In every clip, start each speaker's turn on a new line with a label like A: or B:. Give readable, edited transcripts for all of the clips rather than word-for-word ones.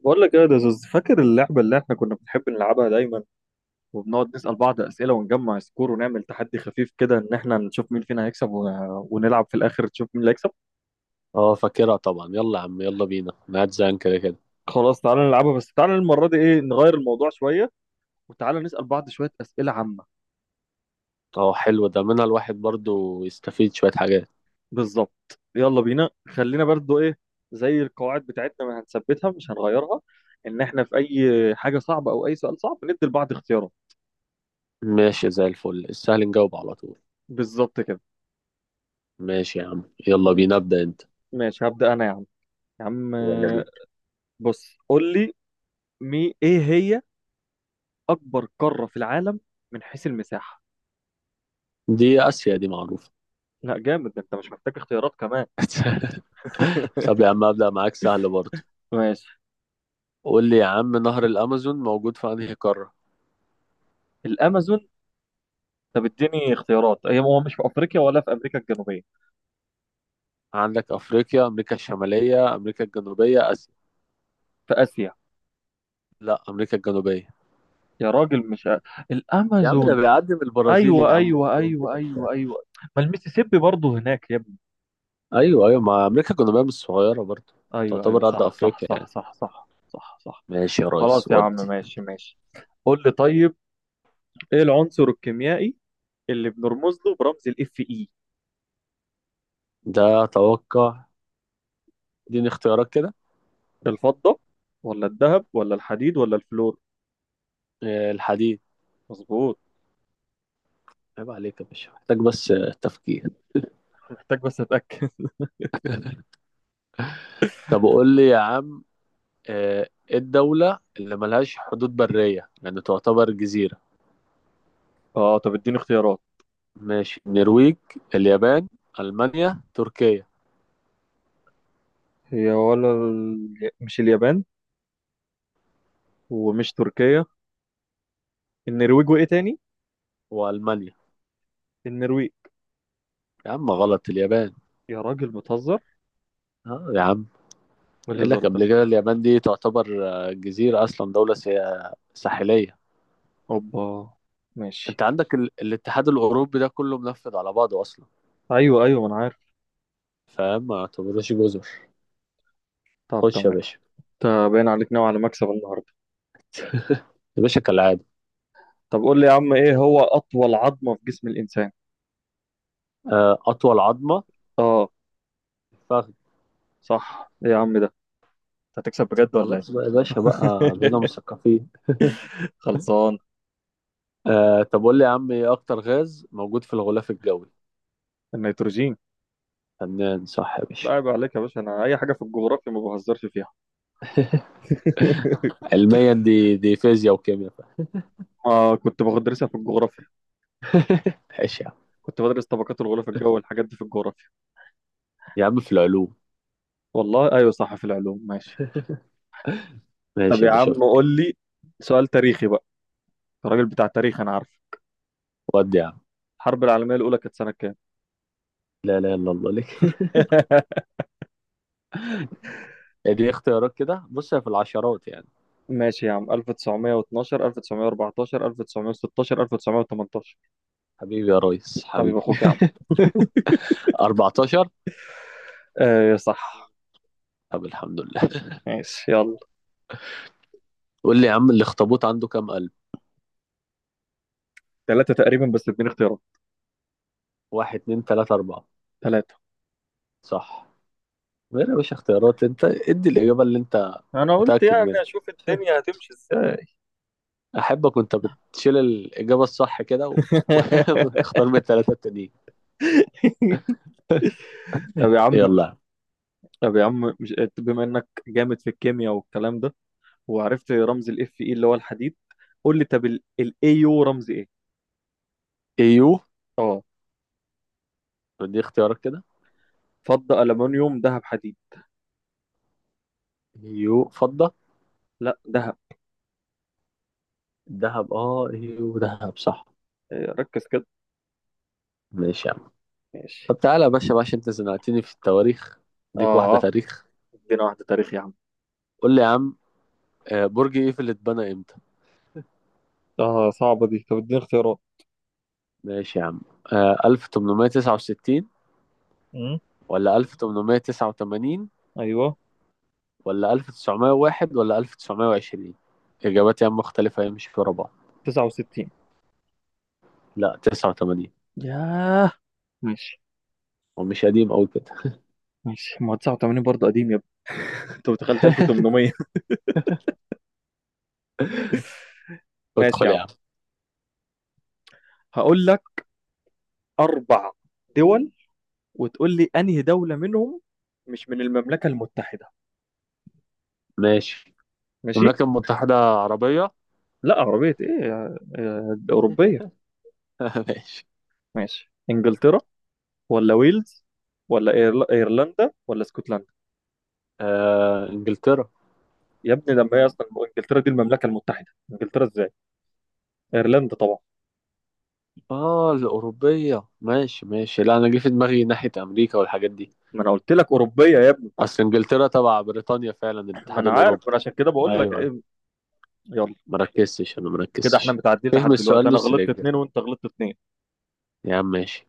A: بقول لك ايه ده زوز، فاكر اللعبه اللي احنا كنا بنحب نلعبها دايما، وبنقعد نسال بعض اسئله، ونجمع سكور، ونعمل تحدي خفيف كده، ان احنا نشوف مين فينا هيكسب ونلعب في الاخر تشوف مين اللي هيكسب.
B: اه فاكرها طبعا، يلا يا عم يلا بينا. انا قاعد زهقان كده كده.
A: خلاص، تعالى نلعبها، بس تعالى المره دي ايه، نغير الموضوع شويه، وتعالى نسال بعض شويه اسئله عامه.
B: اه، حلو ده، منها الواحد برضو يستفيد شوية حاجات.
A: بالظبط، يلا بينا. خلينا برضو ايه، زي القواعد بتاعتنا ما هنثبتها، مش هنغيرها، ان احنا في اي حاجه صعبه او اي سؤال صعب ندي لبعض اختيارات.
B: ماشي، زي الفل، السهل نجاوب على طول.
A: بالظبط كده.
B: ماشي يا عم، يلا بينا
A: ماشي،
B: ابدأ انت.
A: ماشي هبدا انا يا عم. يا عم
B: يلا
A: آه،
B: بينا.
A: بص قول لي، ايه هي اكبر قارة في العالم من حيث المساحة؟
B: دي آسيا، دي معروفة.
A: لا جامد، ده انت مش محتاج اختيارات كمان.
B: طب يا عم، ابدأ معاك سهل برضو.
A: ماشي.
B: قول لي يا عم، نهر الأمازون موجود في أنهي قارة؟
A: الامازون؟ طب اديني اختيارات، هي هو مش في افريقيا ولا في امريكا الجنوبية؟
B: عندك أفريقيا، أمريكا الشمالية، أمريكا الجنوبية، آسيا.
A: في اسيا؟
B: لا، أمريكا الجنوبية.
A: يا راجل، مش أ...
B: يا عم ده
A: الامازون
B: بيعدي من البرازيل يا
A: ايوه
B: عم،
A: ايوه
B: وكولومبيا.
A: ايوه ايوه ايوه، ما الميسيسيبي برضه هناك يا ابني.
B: ايوه ايوه، مع امريكا كنا بقى، مش صغيره برضه.
A: ايوه ايوه،
B: تعتبر قد
A: صح صح
B: افريقيا
A: صح
B: يعني.
A: صح صح صح صح.
B: ماشي يا ريس،
A: خلاص يا عم،
B: ودي.
A: ماشي ماشي. قول لي طيب، ايه العنصر الكيميائي اللي بنرمز له برمز الاف اي؟
B: ده اتوقع. اديني اختيارات كده.
A: الفضة ولا الذهب ولا الحديد ولا الفلور؟
B: الحديد.
A: مظبوط.
B: عيب عليك يا باشا، محتاج بس تفكير.
A: محتاج بس اتأكد.
B: طب قول لي يا عم، ايه الدوله اللي ملهاش حدود بريه يعني تعتبر جزيره؟
A: اه، طب اديني اختيارات.
B: ماشي، النرويج، اليابان، المانيا، تركيا.
A: هي ولا مش اليابان، ومش تركيا؟ النرويج وايه تاني؟
B: والمانيا.
A: النرويج.
B: يا عم غلط، اليابان.
A: يا راجل بتهزر،
B: اه يا عم.
A: ايه
B: قال لك
A: الهزار ده؟
B: قبل كده اليابان دي تعتبر جزيره، اصلا دوله ساحليه.
A: اوبا. ماشي.
B: انت عندك الاتحاد الاوروبي ده كله منفذ على بعضه اصلا.
A: ايوه ايوه، ما انا عارف.
B: فاهم، ما يعتبروش جزر.
A: طب
B: خش يا
A: تمام.
B: باشا.
A: انت باين عليك نوع على مكسب النهارده.
B: يا باشا كالعاده.
A: طب قول لي يا عم، ايه هو اطول عظمة في جسم الانسان؟
B: اطول عظمه،
A: اه.
B: الفخذ.
A: صح. ايه يا عم ده، انت هتكسب بجد ولا
B: خلاص بقى يا باشا، بقى بقينا
A: ايه؟
B: مثقفين.
A: خلصان.
B: طب قول لي يا عم، ايه اكتر غاز موجود في الغلاف الجوي؟
A: النيتروجين.
B: فنان، صح يا
A: لا
B: باشا.
A: عيب عليك يا باشا، انا اي حاجه في الجغرافيا ما بهزرش فيها.
B: علميا، دي فيزياء وكيمياء.
A: ما كنت بدرسها في الجغرافيا.
B: ماشي يا عم.
A: كنت بدرس طبقات الغلاف الجوي والحاجات دي في الجغرافيا.
B: يا عم في العلوم.
A: والله ايوه صح، في العلوم، ماشي. طب
B: ماشي يا
A: يا
B: باشا.
A: عم قول لي، سؤال تاريخي بقى. أنت راجل بتاع تاريخ انا عارف.
B: ودي يا عم.
A: الحرب العالميه الاولى كانت سنه كام؟
B: لا لا، الا الله لك. دي اختيارات كده، بص هي في العشرات يعني.
A: ماشي يا عم، 1912، 1914، 1916، 1918.
B: حبيبي يا ريس،
A: حبيب
B: حبيبي.
A: اخوك يا عم.
B: 14.
A: ايه صح.
B: طب الحمد لله.
A: ماشي، يلا.
B: قول لي يا عم، الاخطبوط عنده كام قلب؟
A: ثلاثة تقريبا، بس اديني اختيارات.
B: واحد، اتنين، تلاتة، أربعة.
A: ثلاثة.
B: صح. غير يا باشا اختيارات، انت ادي الإجابة اللي انت
A: انا قلت
B: متأكد منها.
A: يعني اشوف الدنيا هتمشي ازاي.
B: أحبك وانت بتشيل الإجابة الصح كده وتختار من التلاتة التانيين.
A: طب يا عم،
B: يلا.
A: مش بما انك جامد في الكيمياء والكلام ده، وعرفت رمز الاف اي اللي هو الحديد، قول لي طب، الايو رمز ايه؟
B: ايو.
A: اه.
B: دي اختيارات كده.
A: فضة، ألمنيوم، ذهب، حديد.
B: ايو فضة.
A: لا، ذهب.
B: دهب، اه ايو دهب، صح.
A: ركز كده.
B: ماشي يا عم.
A: ماشي.
B: طب تعالى يا باشا بقى، عشان انت زنقتني في التواريخ، اديك واحدة
A: اه،
B: تاريخ.
A: ادينا واحدة تاريخ يا عم.
B: قول لي يا عم، برج ايفل اتبنى امتى؟
A: اه صعبة دي، طب اديني اختيارات.
B: ماشي يا عم. 1869
A: امم.
B: ولا 1889
A: ايوه.
B: ولا 1901 ولا 1920؟ إجابات يا عم مختلفة، هي مش في بعض.
A: 69.
B: لا، 89.
A: ياه. ماشي.
B: هو مش قديم أوي كده.
A: ماشي، ما هو 89 برضه قديم يا ابني. انت دخلت 1800. ماشي
B: ادخل
A: يا
B: يا
A: عم،
B: عم.
A: هقول لك اربع دول وتقول لي انهي دولة منهم مش من المملكة المتحدة.
B: ماشي.
A: ماشي.
B: المملكة المتحدة عربية؟
A: لا عربية ايه، أوروبية.
B: ماشي.
A: ماشي. انجلترا ولا ويلز ولا ايرلندا ولا اسكتلندا؟
B: إنجلترا.
A: يا ابني لما هي اصلا انجلترا دي المملكة المتحدة، انجلترا ازاي؟ ايرلندا طبعا.
B: الأوروبية، ماشي ماشي. لا، أنا جه في دماغي ناحية أمريكا والحاجات دي.
A: ما انا قلت لك أوروبية يا ابني.
B: أصل إنجلترا تبع بريطانيا فعلا
A: ما
B: الاتحاد
A: انا عارف،
B: الأوروبي.
A: ما انا عشان كده
B: أيوه
A: بقول لك
B: أيوه.
A: ايه. يلا.
B: مركزتش، أنا
A: كده احنا
B: مركزتش.
A: متعادلين
B: فهم
A: لحد
B: السؤال
A: دلوقتي، انا
B: نص
A: غلطت
B: الإجابة.
A: اتنين وانت غلطت اتنين.
B: يا عم ماشي.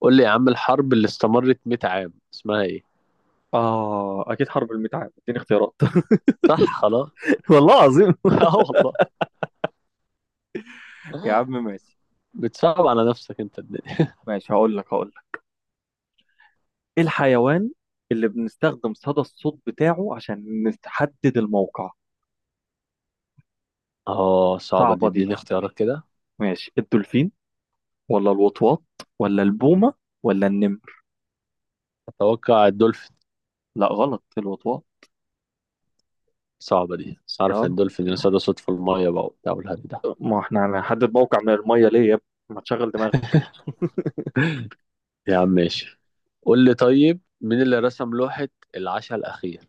B: قول لي يا عم، الحرب اللي استمرت 100 عام اسمها ايه؟
A: اه اكيد حرب الميت عام، اديني اختيارات.
B: صح، خلاص.
A: والله العظيم.
B: اه والله.
A: يا عم ماشي.
B: بتصعب على نفسك انت الدنيا.
A: ماشي هقول لك، هقول. ايه الحيوان اللي بنستخدم صدى الصوت بتاعه عشان نحدد الموقع؟
B: اه، صعبة دي،
A: صعبة
B: اديني
A: دي.
B: اختيارات كده.
A: ماشي، الدولفين ولا الوطواط ولا البومة ولا النمر؟
B: اتوقع الدولفين.
A: لا غلط، الوطواط.
B: صعبة دي، بس عارف ان
A: اه.
B: الدولفين يصطاد صوت في المية بقى وبتاع والهري ده.
A: ما احنا هنحدد موقع من المية ليه يا ابني؟ ما تشغل دماغك.
B: يا عم ماشي. قول لي طيب، مين اللي رسم لوحة العشاء الأخير؟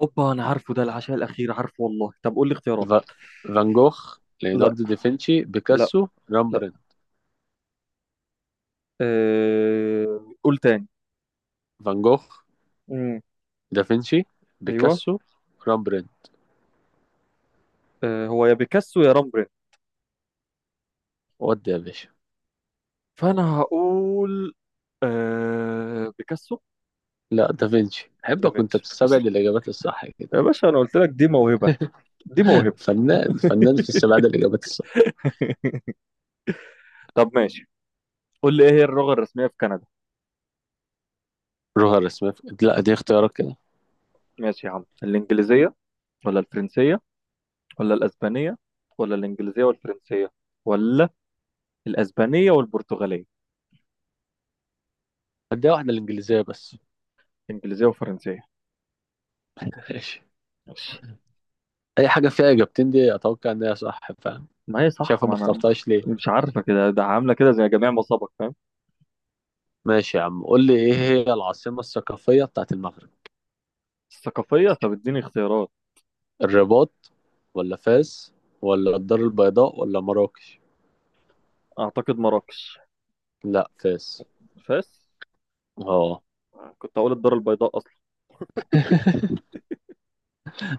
A: اوبا، انا عارفه ده، العشاء الاخير، عارفه والله. طب قول لي اختيارات.
B: ف... فان جوخ،
A: لا.
B: ليوناردو دافنشي،
A: لا.
B: بيكاسو،
A: لا.
B: رامبرين.
A: اه... قول تاني.
B: فان جوخ.
A: امم.
B: دافنشي.
A: ايوه.
B: بيكاسو. رامبرين.
A: اه، هو يا بيكاسو يا رامبرين.
B: ودي يا باشا.
A: فانا هقول بيكاسو.
B: لا، دافنشي. احبك وانت
A: دافنشي اصل.
B: بتستبعد الاجابات الصح كده.
A: يا باشا انا قلت لك دي موهبة، دي موهبة.
B: فنان فنان في استبعاد الاجابات الصح.
A: طب ماشي. قول لي ايه هي اللغة الرسمية في كندا؟
B: جوهر اسمها. لا، دي اختيارات كده.
A: ماشي يا عم، الانجليزية ولا الفرنسية ولا الاسبانية ولا الانجليزية والفرنسية ولا الاسبانية والبرتغالية؟
B: هديها واحده، الانجليزيه بس.
A: انجليزية وفرنسية.
B: ماشي.
A: ماشي.
B: اي حاجه فيها اجابتين دي اتوقع ان هي صح، فاهم.
A: ما هي صح،
B: شايفه، ما
A: ما انا
B: اخترتهاش ليه.
A: مش عارفة كده، ده عاملة كده زي جميع مصابك، فاهم.
B: ماشي يا عم، قول لي ايه هي العاصمه الثقافيه بتاعت المغرب؟
A: الثقافية؟ طب اديني اختيارات.
B: الرباط، ولا فاس، ولا الدار البيضاء، ولا مراكش.
A: اعتقد مراكش.
B: لا، فاس.
A: فاس؟
B: اه.
A: كنت اقول الدار البيضاء اصلا.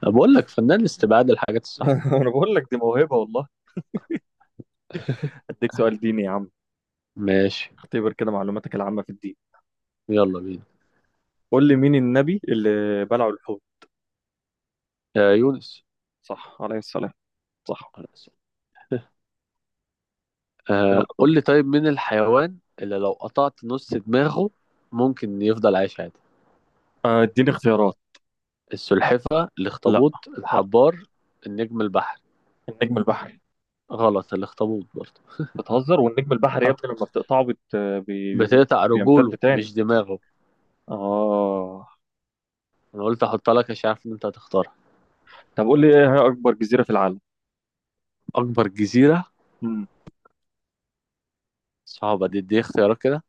B: بقول لك فنان استبعاد الحاجات الصح.
A: انا بقول لك دي موهبة والله. اديك سؤال ديني يا عم.
B: ماشي.
A: اختبر كده معلوماتك العامة في الدين.
B: يلا بينا.
A: قول لي مين النبي اللي بلعه الحوت؟
B: يا يونس.
A: صح، عليه السلام. صح. يلا دور.
B: قول لي طيب، مين الحيوان اللي لو قطعت نص دماغه ممكن يفضل عايش عادي؟
A: اديني اختيارات.
B: السلحفة،
A: لا.
B: الاخطبوط،
A: لا.
B: الحبار، النجم البحري.
A: النجم البحري.
B: غلط، الاخطبوط برضه.
A: بتهزر، والنجم البحري يا
B: ها.
A: ابني لما بتقطعه بي...
B: بتقطع رجوله
A: بيمتد تاني.
B: مش دماغه.
A: اه.
B: انا قلت احطها لك عشان عارف ان انت هتختارها.
A: طب قول لي، ايه هي اكبر جزيرة في العالم؟
B: اكبر جزيرة.
A: مم.
B: صعبة دي اختيارات كده.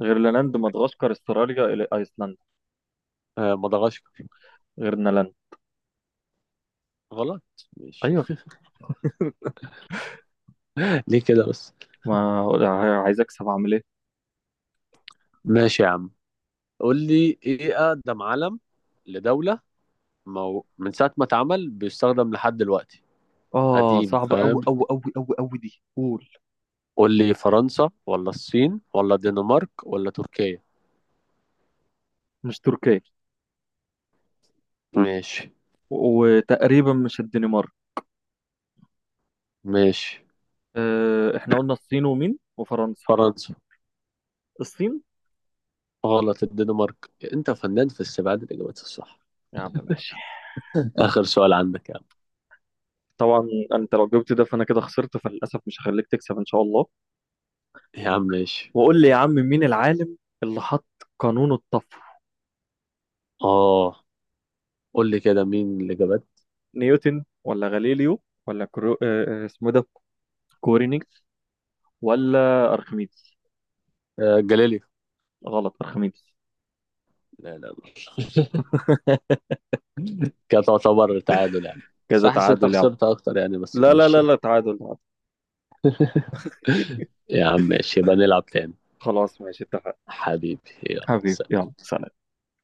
A: غرينلاند، مدغشقر، استراليا، الى ايسلندا.
B: مدغشقر.
A: غرينلاند.
B: غلط. ماشي.
A: ايوه.
B: ليه كده بس.
A: ما عايز اكسب، اعمل ايه؟
B: ماشي يا عم. قول لي ايه اقدم علم لدولة من ساعة ما اتعمل بيستخدم لحد دلوقتي؟
A: اه
B: قديم،
A: صعبة قوي
B: فاهم.
A: قوي قوي قوي قوي دي، قول.
B: قول لي، فرنسا ولا الصين ولا الدنمارك ولا تركيا؟
A: مش تركيا.
B: ماشي.
A: وتقريبا مش الدنمارك.
B: ماشي.
A: احنا قلنا الصين ومين وفرنسا.
B: فرنسا.
A: الصين.
B: غلط، الدنمارك. انت فنان في استبعاد الاجابات الصح.
A: يا عم ماشي.
B: اخر سؤال عندك يا عم.
A: طبعا. انت لو جبت ده فانا كده خسرت، فللاسف مش هخليك تكسب ان شاء الله.
B: يا عم ماشي.
A: وقول لي يا عم، مين العالم اللي حط قانون الطفو؟
B: اه، قول لي كده مين الاجابات.
A: نيوتن ولا غاليليو ولا كرو... آه، آه، اسمه إيه ده، كورينيكس، ولا ارخميدس؟
B: جاليليو.
A: غلط، ارخميدس.
B: لا لا لا. كانت تعتبر تعادل يعني.
A: كذا
B: صح، انت
A: تعادل يا عم.
B: خسرت اكتر يعني، بس
A: لا لا لا
B: ماشي.
A: لا، تعادل تعادل.
B: يا عم ماشي، يبقى نلعب تاني.
A: خلاص ماشي، اتفقنا.
B: حبيبي. يلا
A: حبيبي
B: سلام.
A: يلا، سلام.